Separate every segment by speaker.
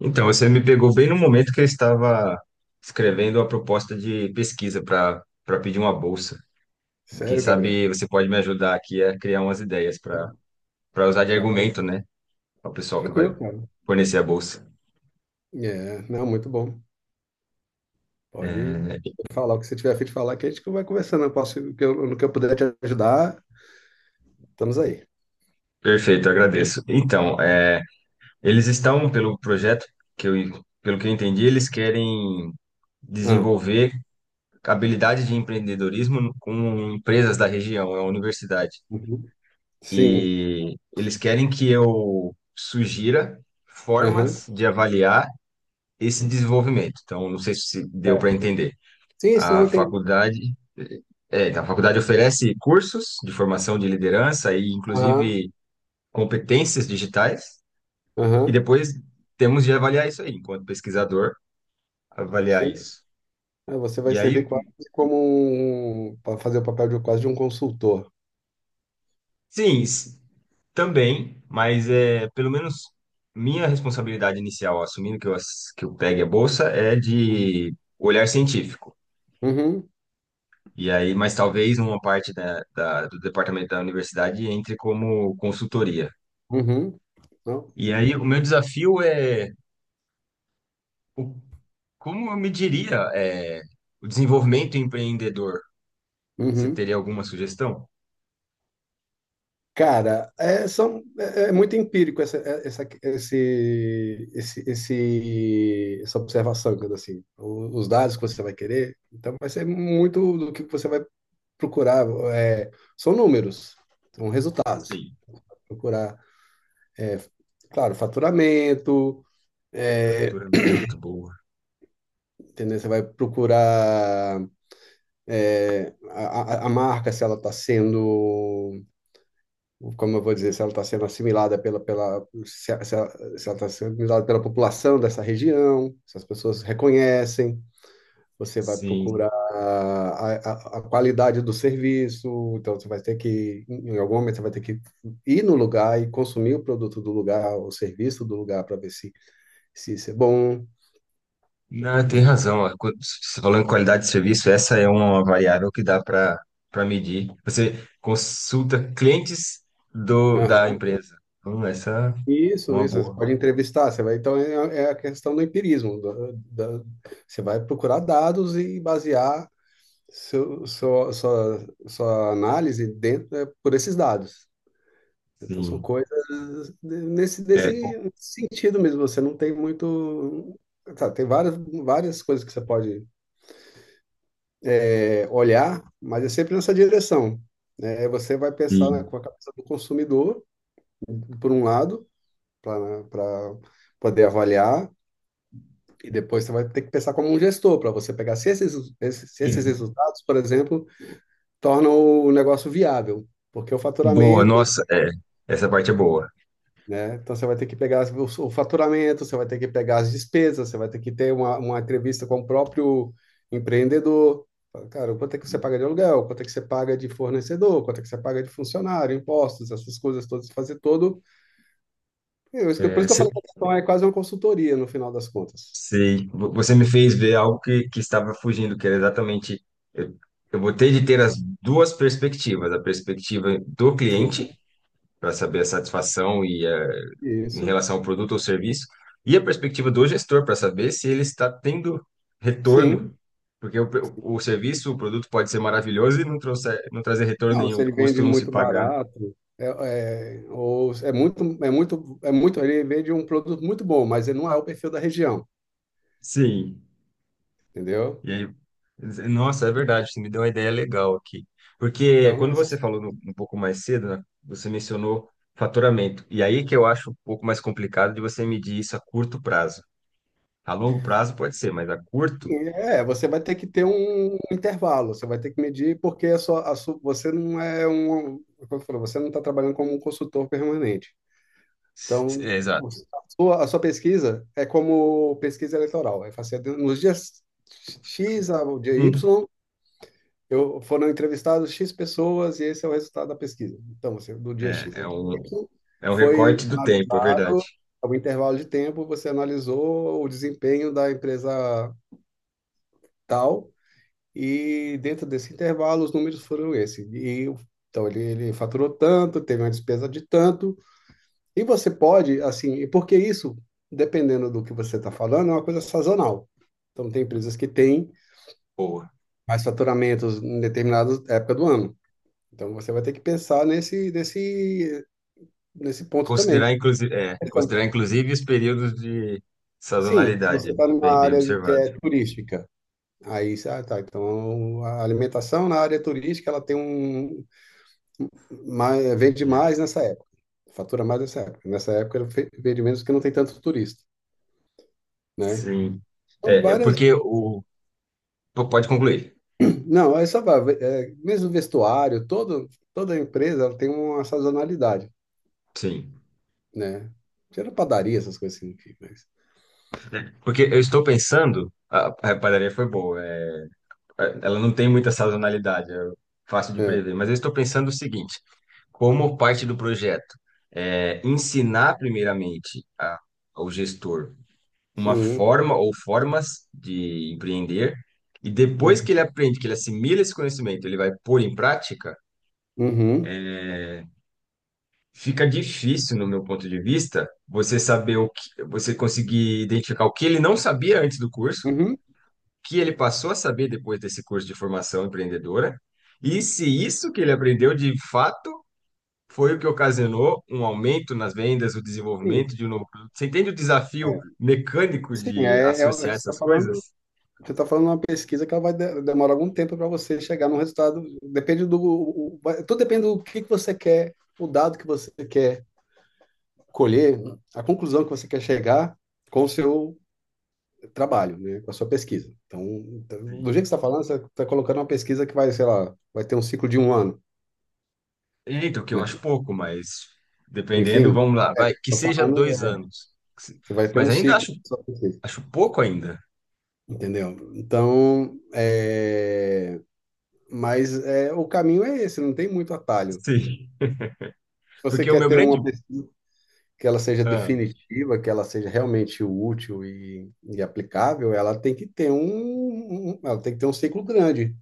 Speaker 1: Então, você me pegou bem no momento que eu estava escrevendo a proposta de pesquisa para pedir uma bolsa. E quem
Speaker 2: Sério, Gabriel?
Speaker 1: sabe você pode me ajudar aqui a criar umas ideias para
Speaker 2: Claro,
Speaker 1: para usar de
Speaker 2: claro.
Speaker 1: argumento, né, ao pessoal que vai
Speaker 2: Tranquilo, cara.
Speaker 1: fornecer a bolsa.
Speaker 2: É, não, muito bom. Pode
Speaker 1: É,
Speaker 2: falar o que você tiver a fim de falar, que a gente vai conversando. Eu posso, o que eu, no que eu puder te ajudar, estamos aí.
Speaker 1: Perfeito, agradeço. Então, eles estão pelo projeto que eu, pelo que eu entendi, eles querem
Speaker 2: Ah,
Speaker 1: desenvolver habilidades de empreendedorismo com empresas da região, é a universidade.
Speaker 2: uhum. Sim.
Speaker 1: E eles querem que eu sugira
Speaker 2: Aham.
Speaker 1: formas de avaliar esse desenvolvimento. Então, não sei se deu para
Speaker 2: Certo.
Speaker 1: entender.
Speaker 2: Sim, se não
Speaker 1: A
Speaker 2: entendi.
Speaker 1: faculdade, a faculdade oferece cursos de formação de liderança e,
Speaker 2: Aham.
Speaker 1: inclusive, competências digitais. E
Speaker 2: Aham.
Speaker 1: depois temos de avaliar isso aí, enquanto pesquisador, avaliar
Speaker 2: Sim.
Speaker 1: isso.
Speaker 2: É, você vai
Speaker 1: E aí,
Speaker 2: servir quase como um, para fazer o papel de quase de um consultor.
Speaker 1: sim, também, mas é pelo menos minha responsabilidade inicial, assumindo que eu pegue a bolsa, é
Speaker 2: Uhum.
Speaker 1: de olhar científico.
Speaker 2: Uhum.
Speaker 1: E aí, mas talvez uma parte do departamento da universidade entre como consultoria.
Speaker 2: Uhum. Não?
Speaker 1: E aí, o meu desafio é o- como eu mediria o desenvolvimento empreendedor? Você
Speaker 2: Uhum.
Speaker 1: teria alguma sugestão?
Speaker 2: Cara, é, são, é, é muito empírico essa, essa observação, digamos assim. Os dados que você vai querer, então vai ser muito do que você vai procurar. É, são números, são resultados.
Speaker 1: Sim,
Speaker 2: Procurar, é, claro, faturamento, é,
Speaker 1: capturamento, boa.
Speaker 2: entendeu? Você vai procurar a marca, se ela está sendo como eu vou dizer, se ela está sendo assimilada pela, se ela está sendo assimilada pela população dessa região, se as pessoas reconhecem, você vai
Speaker 1: Sim.
Speaker 2: procurar a qualidade do serviço, então você vai ter que, em algum momento, você vai ter que ir no lugar e consumir o produto do lugar, o serviço do lugar, para ver se, se isso é bom.
Speaker 1: Não, tem
Speaker 2: É.
Speaker 1: razão. Ó. Quando você falou em qualidade de serviço, essa é uma variável que dá para medir. Você consulta clientes da
Speaker 2: Aham.
Speaker 1: empresa. Essa é
Speaker 2: Isso,
Speaker 1: uma
Speaker 2: isso, você
Speaker 1: boa.
Speaker 2: pode entrevistar, você vai, então é, é a questão do empirismo, você vai procurar dados e basear seu, sua análise dentro é por esses dados. Então, são
Speaker 1: Sim.
Speaker 2: coisas nesse,
Speaker 1: É,
Speaker 2: desse sentido mesmo. Você não tem muito. Tá, tem várias, várias coisas que você pode, é, olhar, mas é sempre nessa direção. Né? Você vai pensar, né,
Speaker 1: sim.
Speaker 2: com a cabeça do consumidor, por um lado, para poder avaliar, e depois você vai ter que pensar como um gestor, para você pegar se esses, se
Speaker 1: É.
Speaker 2: esses resultados, por exemplo, torna o negócio viável, porque o
Speaker 1: Boa,
Speaker 2: faturamento,
Speaker 1: nossa, é, essa parte é boa.
Speaker 2: né? Então você vai ter que pegar o faturamento, você vai ter que pegar as despesas, você vai ter que ter uma entrevista com o próprio empreendedor. Fala, cara, quanto é que você paga de aluguel? Quanto é que você paga de fornecedor? Quanto é que você paga de funcionário? Impostos, essas coisas todas, fazer todo. É, isso, por
Speaker 1: É,
Speaker 2: isso que eu
Speaker 1: se-
Speaker 2: falei que a questão é quase uma consultoria no final das contas.
Speaker 1: Sei. Você me fez ver algo que estava fugindo, que era exatamente. Eu, eu vou ter de ter as duas perspectivas: a perspectiva do
Speaker 2: Sim,
Speaker 1: cliente, para saber a satisfação e a em
Speaker 2: isso.
Speaker 1: relação ao produto ou serviço, e a perspectiva do gestor para saber se ele está tendo retorno.
Speaker 2: Sim,
Speaker 1: Porque o serviço, o produto pode ser maravilhoso e não trazer retorno
Speaker 2: não,
Speaker 1: nenhum,
Speaker 2: se
Speaker 1: o
Speaker 2: ele vende
Speaker 1: custo não se
Speaker 2: muito
Speaker 1: pagar.
Speaker 2: barato, é, é, ou é muito, ele vende um produto muito bom, mas ele não é o perfil da região,
Speaker 1: Sim.
Speaker 2: entendeu?
Speaker 1: E aí, nossa, é verdade, você me deu uma ideia legal aqui. Porque
Speaker 2: Então,
Speaker 1: quando você
Speaker 2: essas,
Speaker 1: falou um pouco mais cedo, né, você mencionou faturamento. E aí que eu acho um pouco mais complicado de você medir isso a curto prazo. A longo prazo pode ser, mas a curto,
Speaker 2: é, você vai ter que ter um intervalo, você vai ter que medir, porque a sua, você não é um, como eu falo, você não está trabalhando como um consultor permanente. Então,
Speaker 1: é
Speaker 2: a
Speaker 1: exato.
Speaker 2: a sua pesquisa é como pesquisa eleitoral, é fazer nos dias X ao dia
Speaker 1: Hum.
Speaker 2: Y. Eu, foram entrevistados X pessoas e esse é o resultado da pesquisa. Então, você, do dia
Speaker 1: É,
Speaker 2: X ao
Speaker 1: é
Speaker 2: dia
Speaker 1: um,
Speaker 2: Y,
Speaker 1: É um
Speaker 2: foi
Speaker 1: recorte do tempo, é verdade.
Speaker 2: analisado, a um intervalo de tempo, você analisou o desempenho da empresa tal, e dentro desse intervalo, os números foram esse. E então, ele faturou tanto, teve uma despesa de tanto, e você pode, assim, e porque isso, dependendo do que você está falando, é uma coisa sazonal. Então, tem empresas que têm
Speaker 1: Boa.
Speaker 2: mais faturamentos em determinada época do ano. Então você vai ter que pensar nesse, nesse ponto também.
Speaker 1: Considerar, inclusive, é,
Speaker 2: Então,
Speaker 1: considerar inclusive os períodos de
Speaker 2: sim, se você
Speaker 1: sazonalidade,
Speaker 2: está numa
Speaker 1: bem, bem
Speaker 2: área que
Speaker 1: observado.
Speaker 2: é turística, aí, ah, tá. Então a alimentação na área turística ela tem um mais, vende mais nessa época, fatura mais nessa época. Nessa época ela vende menos porque não tem tanto turista, né?
Speaker 1: Sim.
Speaker 2: Então
Speaker 1: É, eu-
Speaker 2: várias,
Speaker 1: porque o. Pode concluir.
Speaker 2: não, é só é, mesmo vestuário, todo, toda empresa ela tem uma sazonalidade,
Speaker 1: Sim.
Speaker 2: né? Tira padaria essas coisas assim, enfim, mas
Speaker 1: Porque eu estou pensando. A padaria foi boa. É, ela não tem muita sazonalidade, é fácil de
Speaker 2: é,
Speaker 1: prever. Mas eu estou pensando o seguinte: como parte do projeto, é, ensinar primeiramente ao gestor uma
Speaker 2: sim.
Speaker 1: forma ou formas de empreender, e depois
Speaker 2: Uhum.
Speaker 1: que ele aprende, que ele assimila esse conhecimento, ele vai pôr em prática,
Speaker 2: Uhum.
Speaker 1: fica difícil, no meu ponto de vista, você saber você conseguir identificar o que ele não sabia antes do curso,
Speaker 2: Uhum.
Speaker 1: que ele passou a saber depois desse curso de formação empreendedora, e se isso que ele aprendeu de fato foi o que ocasionou um aumento nas vendas, o desenvolvimento
Speaker 2: Sim,
Speaker 1: de um novo produto. Você entende o desafio
Speaker 2: é,
Speaker 1: mecânico
Speaker 2: sim,
Speaker 1: de
Speaker 2: é, você
Speaker 1: associar
Speaker 2: está
Speaker 1: essas
Speaker 2: falando,
Speaker 1: coisas?
Speaker 2: você tá falando uma pesquisa que ela vai demorar algum tempo para você chegar num resultado. Depende do, tudo depende do que você quer, o dado que você quer colher, a conclusão que você quer chegar com o seu trabalho, né, com a sua pesquisa. Então, então, do
Speaker 1: Sim.
Speaker 2: jeito que você está falando, você está colocando uma pesquisa que vai, sei lá, vai ter um ciclo de um ano,
Speaker 1: Eita, o que eu acho
Speaker 2: né?
Speaker 1: pouco, mas dependendo,
Speaker 2: Enfim,
Speaker 1: vamos lá, vai, que
Speaker 2: estou
Speaker 1: seja
Speaker 2: falando,
Speaker 1: dois
Speaker 2: é,
Speaker 1: anos. Que se-
Speaker 2: você vai ter
Speaker 1: Mas
Speaker 2: um
Speaker 1: ainda
Speaker 2: ciclo da sua pesquisa,
Speaker 1: acho pouco ainda.
Speaker 2: entendeu? Então, é, mas é, o caminho é esse, não tem muito atalho.
Speaker 1: Sim,
Speaker 2: Se você
Speaker 1: porque o
Speaker 2: quer
Speaker 1: meu
Speaker 2: ter
Speaker 1: grande.
Speaker 2: uma pesquisa que ela seja
Speaker 1: Ah,
Speaker 2: definitiva, que ela seja realmente útil e aplicável, ela tem que ter um, ela tem que ter um ciclo grande,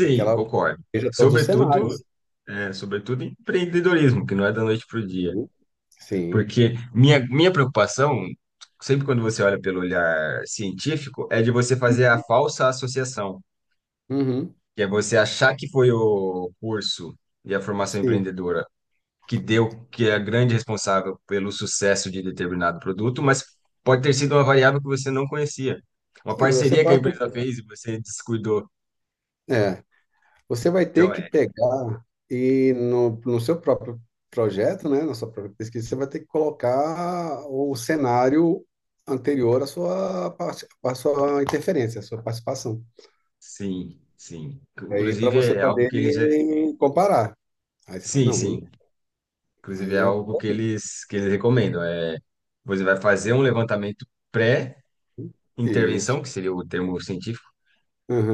Speaker 2: para que ela
Speaker 1: concordo.
Speaker 2: veja todos os cenários.
Speaker 1: Sobretudo, sobretudo em empreendedorismo, que não é da noite para o dia.
Speaker 2: Né? Sim.
Speaker 1: Porque minha preocupação, sempre quando você olha pelo olhar científico, é de você fazer a falsa associação,
Speaker 2: Uhum.
Speaker 1: que é você achar que foi o curso e a formação
Speaker 2: Sim.
Speaker 1: empreendedora que é a grande responsável pelo sucesso de determinado produto, mas pode ter sido uma variável que você não conhecia. Uma
Speaker 2: Sim, você
Speaker 1: parceria que a
Speaker 2: pode ter
Speaker 1: empresa
Speaker 2: que.
Speaker 1: fez e você descuidou.
Speaker 2: É. Você vai ter
Speaker 1: Então,
Speaker 2: que
Speaker 1: é,
Speaker 2: pegar e no, no seu próprio projeto, né, na sua própria pesquisa, você vai ter que colocar o cenário anterior à sua, à sua interferência, à sua participação.
Speaker 1: sim, sim.
Speaker 2: Aí para
Speaker 1: Inclusive,
Speaker 2: você
Speaker 1: é algo
Speaker 2: poder
Speaker 1: que eles. É-
Speaker 2: comparar. Aí você fala,
Speaker 1: Sim,
Speaker 2: não,
Speaker 1: sim. Inclusive, é
Speaker 2: aí é
Speaker 1: algo que eles recomendam. É, você vai fazer um levantamento pré-intervenção,
Speaker 2: isso.
Speaker 1: que seria o termo científico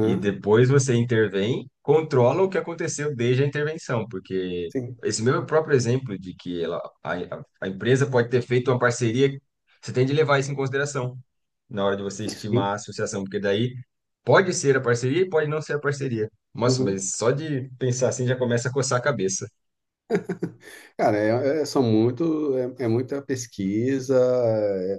Speaker 1: e depois você intervém, controla o que aconteceu desde a intervenção, porque
Speaker 2: sim,
Speaker 1: esse meu próprio exemplo de que a empresa pode ter feito uma parceria, você tem de levar isso em consideração na hora de você estimar
Speaker 2: sim.
Speaker 1: a associação, porque daí pode ser a parceria e pode não ser a parceria. Nossa,
Speaker 2: Uhum.
Speaker 1: mas só de pensar assim já começa a coçar a cabeça.
Speaker 2: Cara, é, são muito, é, é muita pesquisa, é,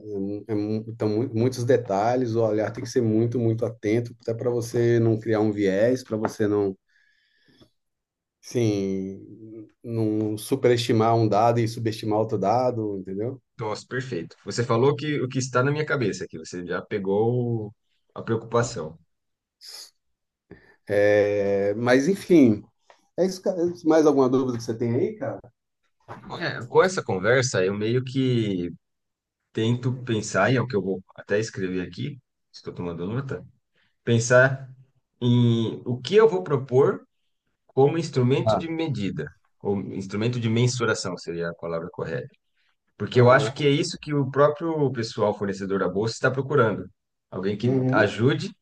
Speaker 2: é, então, muitos detalhes, o olhar tem que ser muito, muito atento, até para você não criar um viés, para você não, sim, não superestimar um dado e subestimar outro dado, entendeu?
Speaker 1: Nossa, perfeito. Você falou que o que está na minha cabeça aqui, você já pegou a preocupação.
Speaker 2: É, mas, enfim, é isso, cara. Mais alguma dúvida que você tem aí, cara?
Speaker 1: É, com essa conversa, eu meio que tento pensar, e é o que eu vou até escrever aqui, estou tomando nota, pensar em o que eu vou propor como instrumento
Speaker 2: Ah,
Speaker 1: de medida, ou instrumento de mensuração seria a palavra correta. Porque eu acho que é
Speaker 2: aham.
Speaker 1: isso que o próprio pessoal fornecedor da bolsa está procurando. Alguém que
Speaker 2: Uhum.
Speaker 1: ajude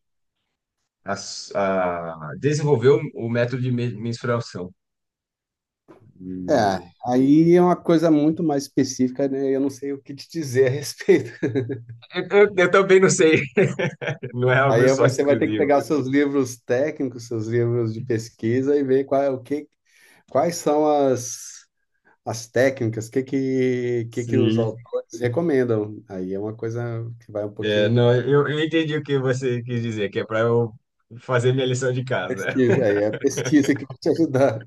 Speaker 1: a desenvolver o método de mensuração.
Speaker 2: É,
Speaker 1: E
Speaker 2: aí é uma coisa muito mais específica, né? Eu não sei o que te dizer a respeito.
Speaker 1: eu também não sei, não é algo
Speaker 2: Aí
Speaker 1: só
Speaker 2: você vai ter que
Speaker 1: exclusivo.
Speaker 2: pegar seus livros técnicos, seus livros de pesquisa e ver qual, é o que, quais são as, as técnicas, o que, que os
Speaker 1: Sim.
Speaker 2: autores recomendam. Aí é uma coisa que vai um
Speaker 1: É,
Speaker 2: pouquinho
Speaker 1: não, eu entendi o que você quis dizer, que é para eu fazer minha lição de casa.
Speaker 2: pesquisa, aí é a pesquisa que vai te ajudar.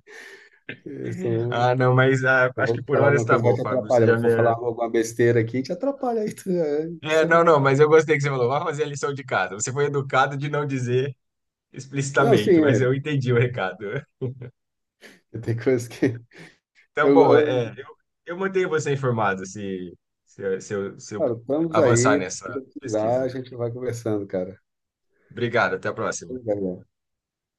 Speaker 2: Se eu
Speaker 1: Ah, não, mas ah,
Speaker 2: eu
Speaker 1: acho que
Speaker 2: vou
Speaker 1: por
Speaker 2: falar
Speaker 1: hora
Speaker 2: alguma
Speaker 1: está
Speaker 2: coisa, que vai
Speaker 1: bom,
Speaker 2: te
Speaker 1: Fábio. Você
Speaker 2: atrapalhar. Eu
Speaker 1: já me.
Speaker 2: vou falar alguma besteira aqui, e te atrapalha aí. É, isso
Speaker 1: É, não, não, mas eu gostei que você falou. Vá fazer a lição de casa. Você foi educado de não dizer
Speaker 2: Não, sim,
Speaker 1: explicitamente,
Speaker 2: é,
Speaker 1: mas eu entendi o recado.
Speaker 2: tem coisas que.
Speaker 1: Então,
Speaker 2: Eu,
Speaker 1: bom,
Speaker 2: eu-
Speaker 1: eu mantenho você informado se eu se eu
Speaker 2: cara, estamos
Speaker 1: avançar
Speaker 2: aí,
Speaker 1: nessa
Speaker 2: precisar, a
Speaker 1: pesquisa.
Speaker 2: gente vai conversando, cara.
Speaker 1: Obrigado, até a próxima.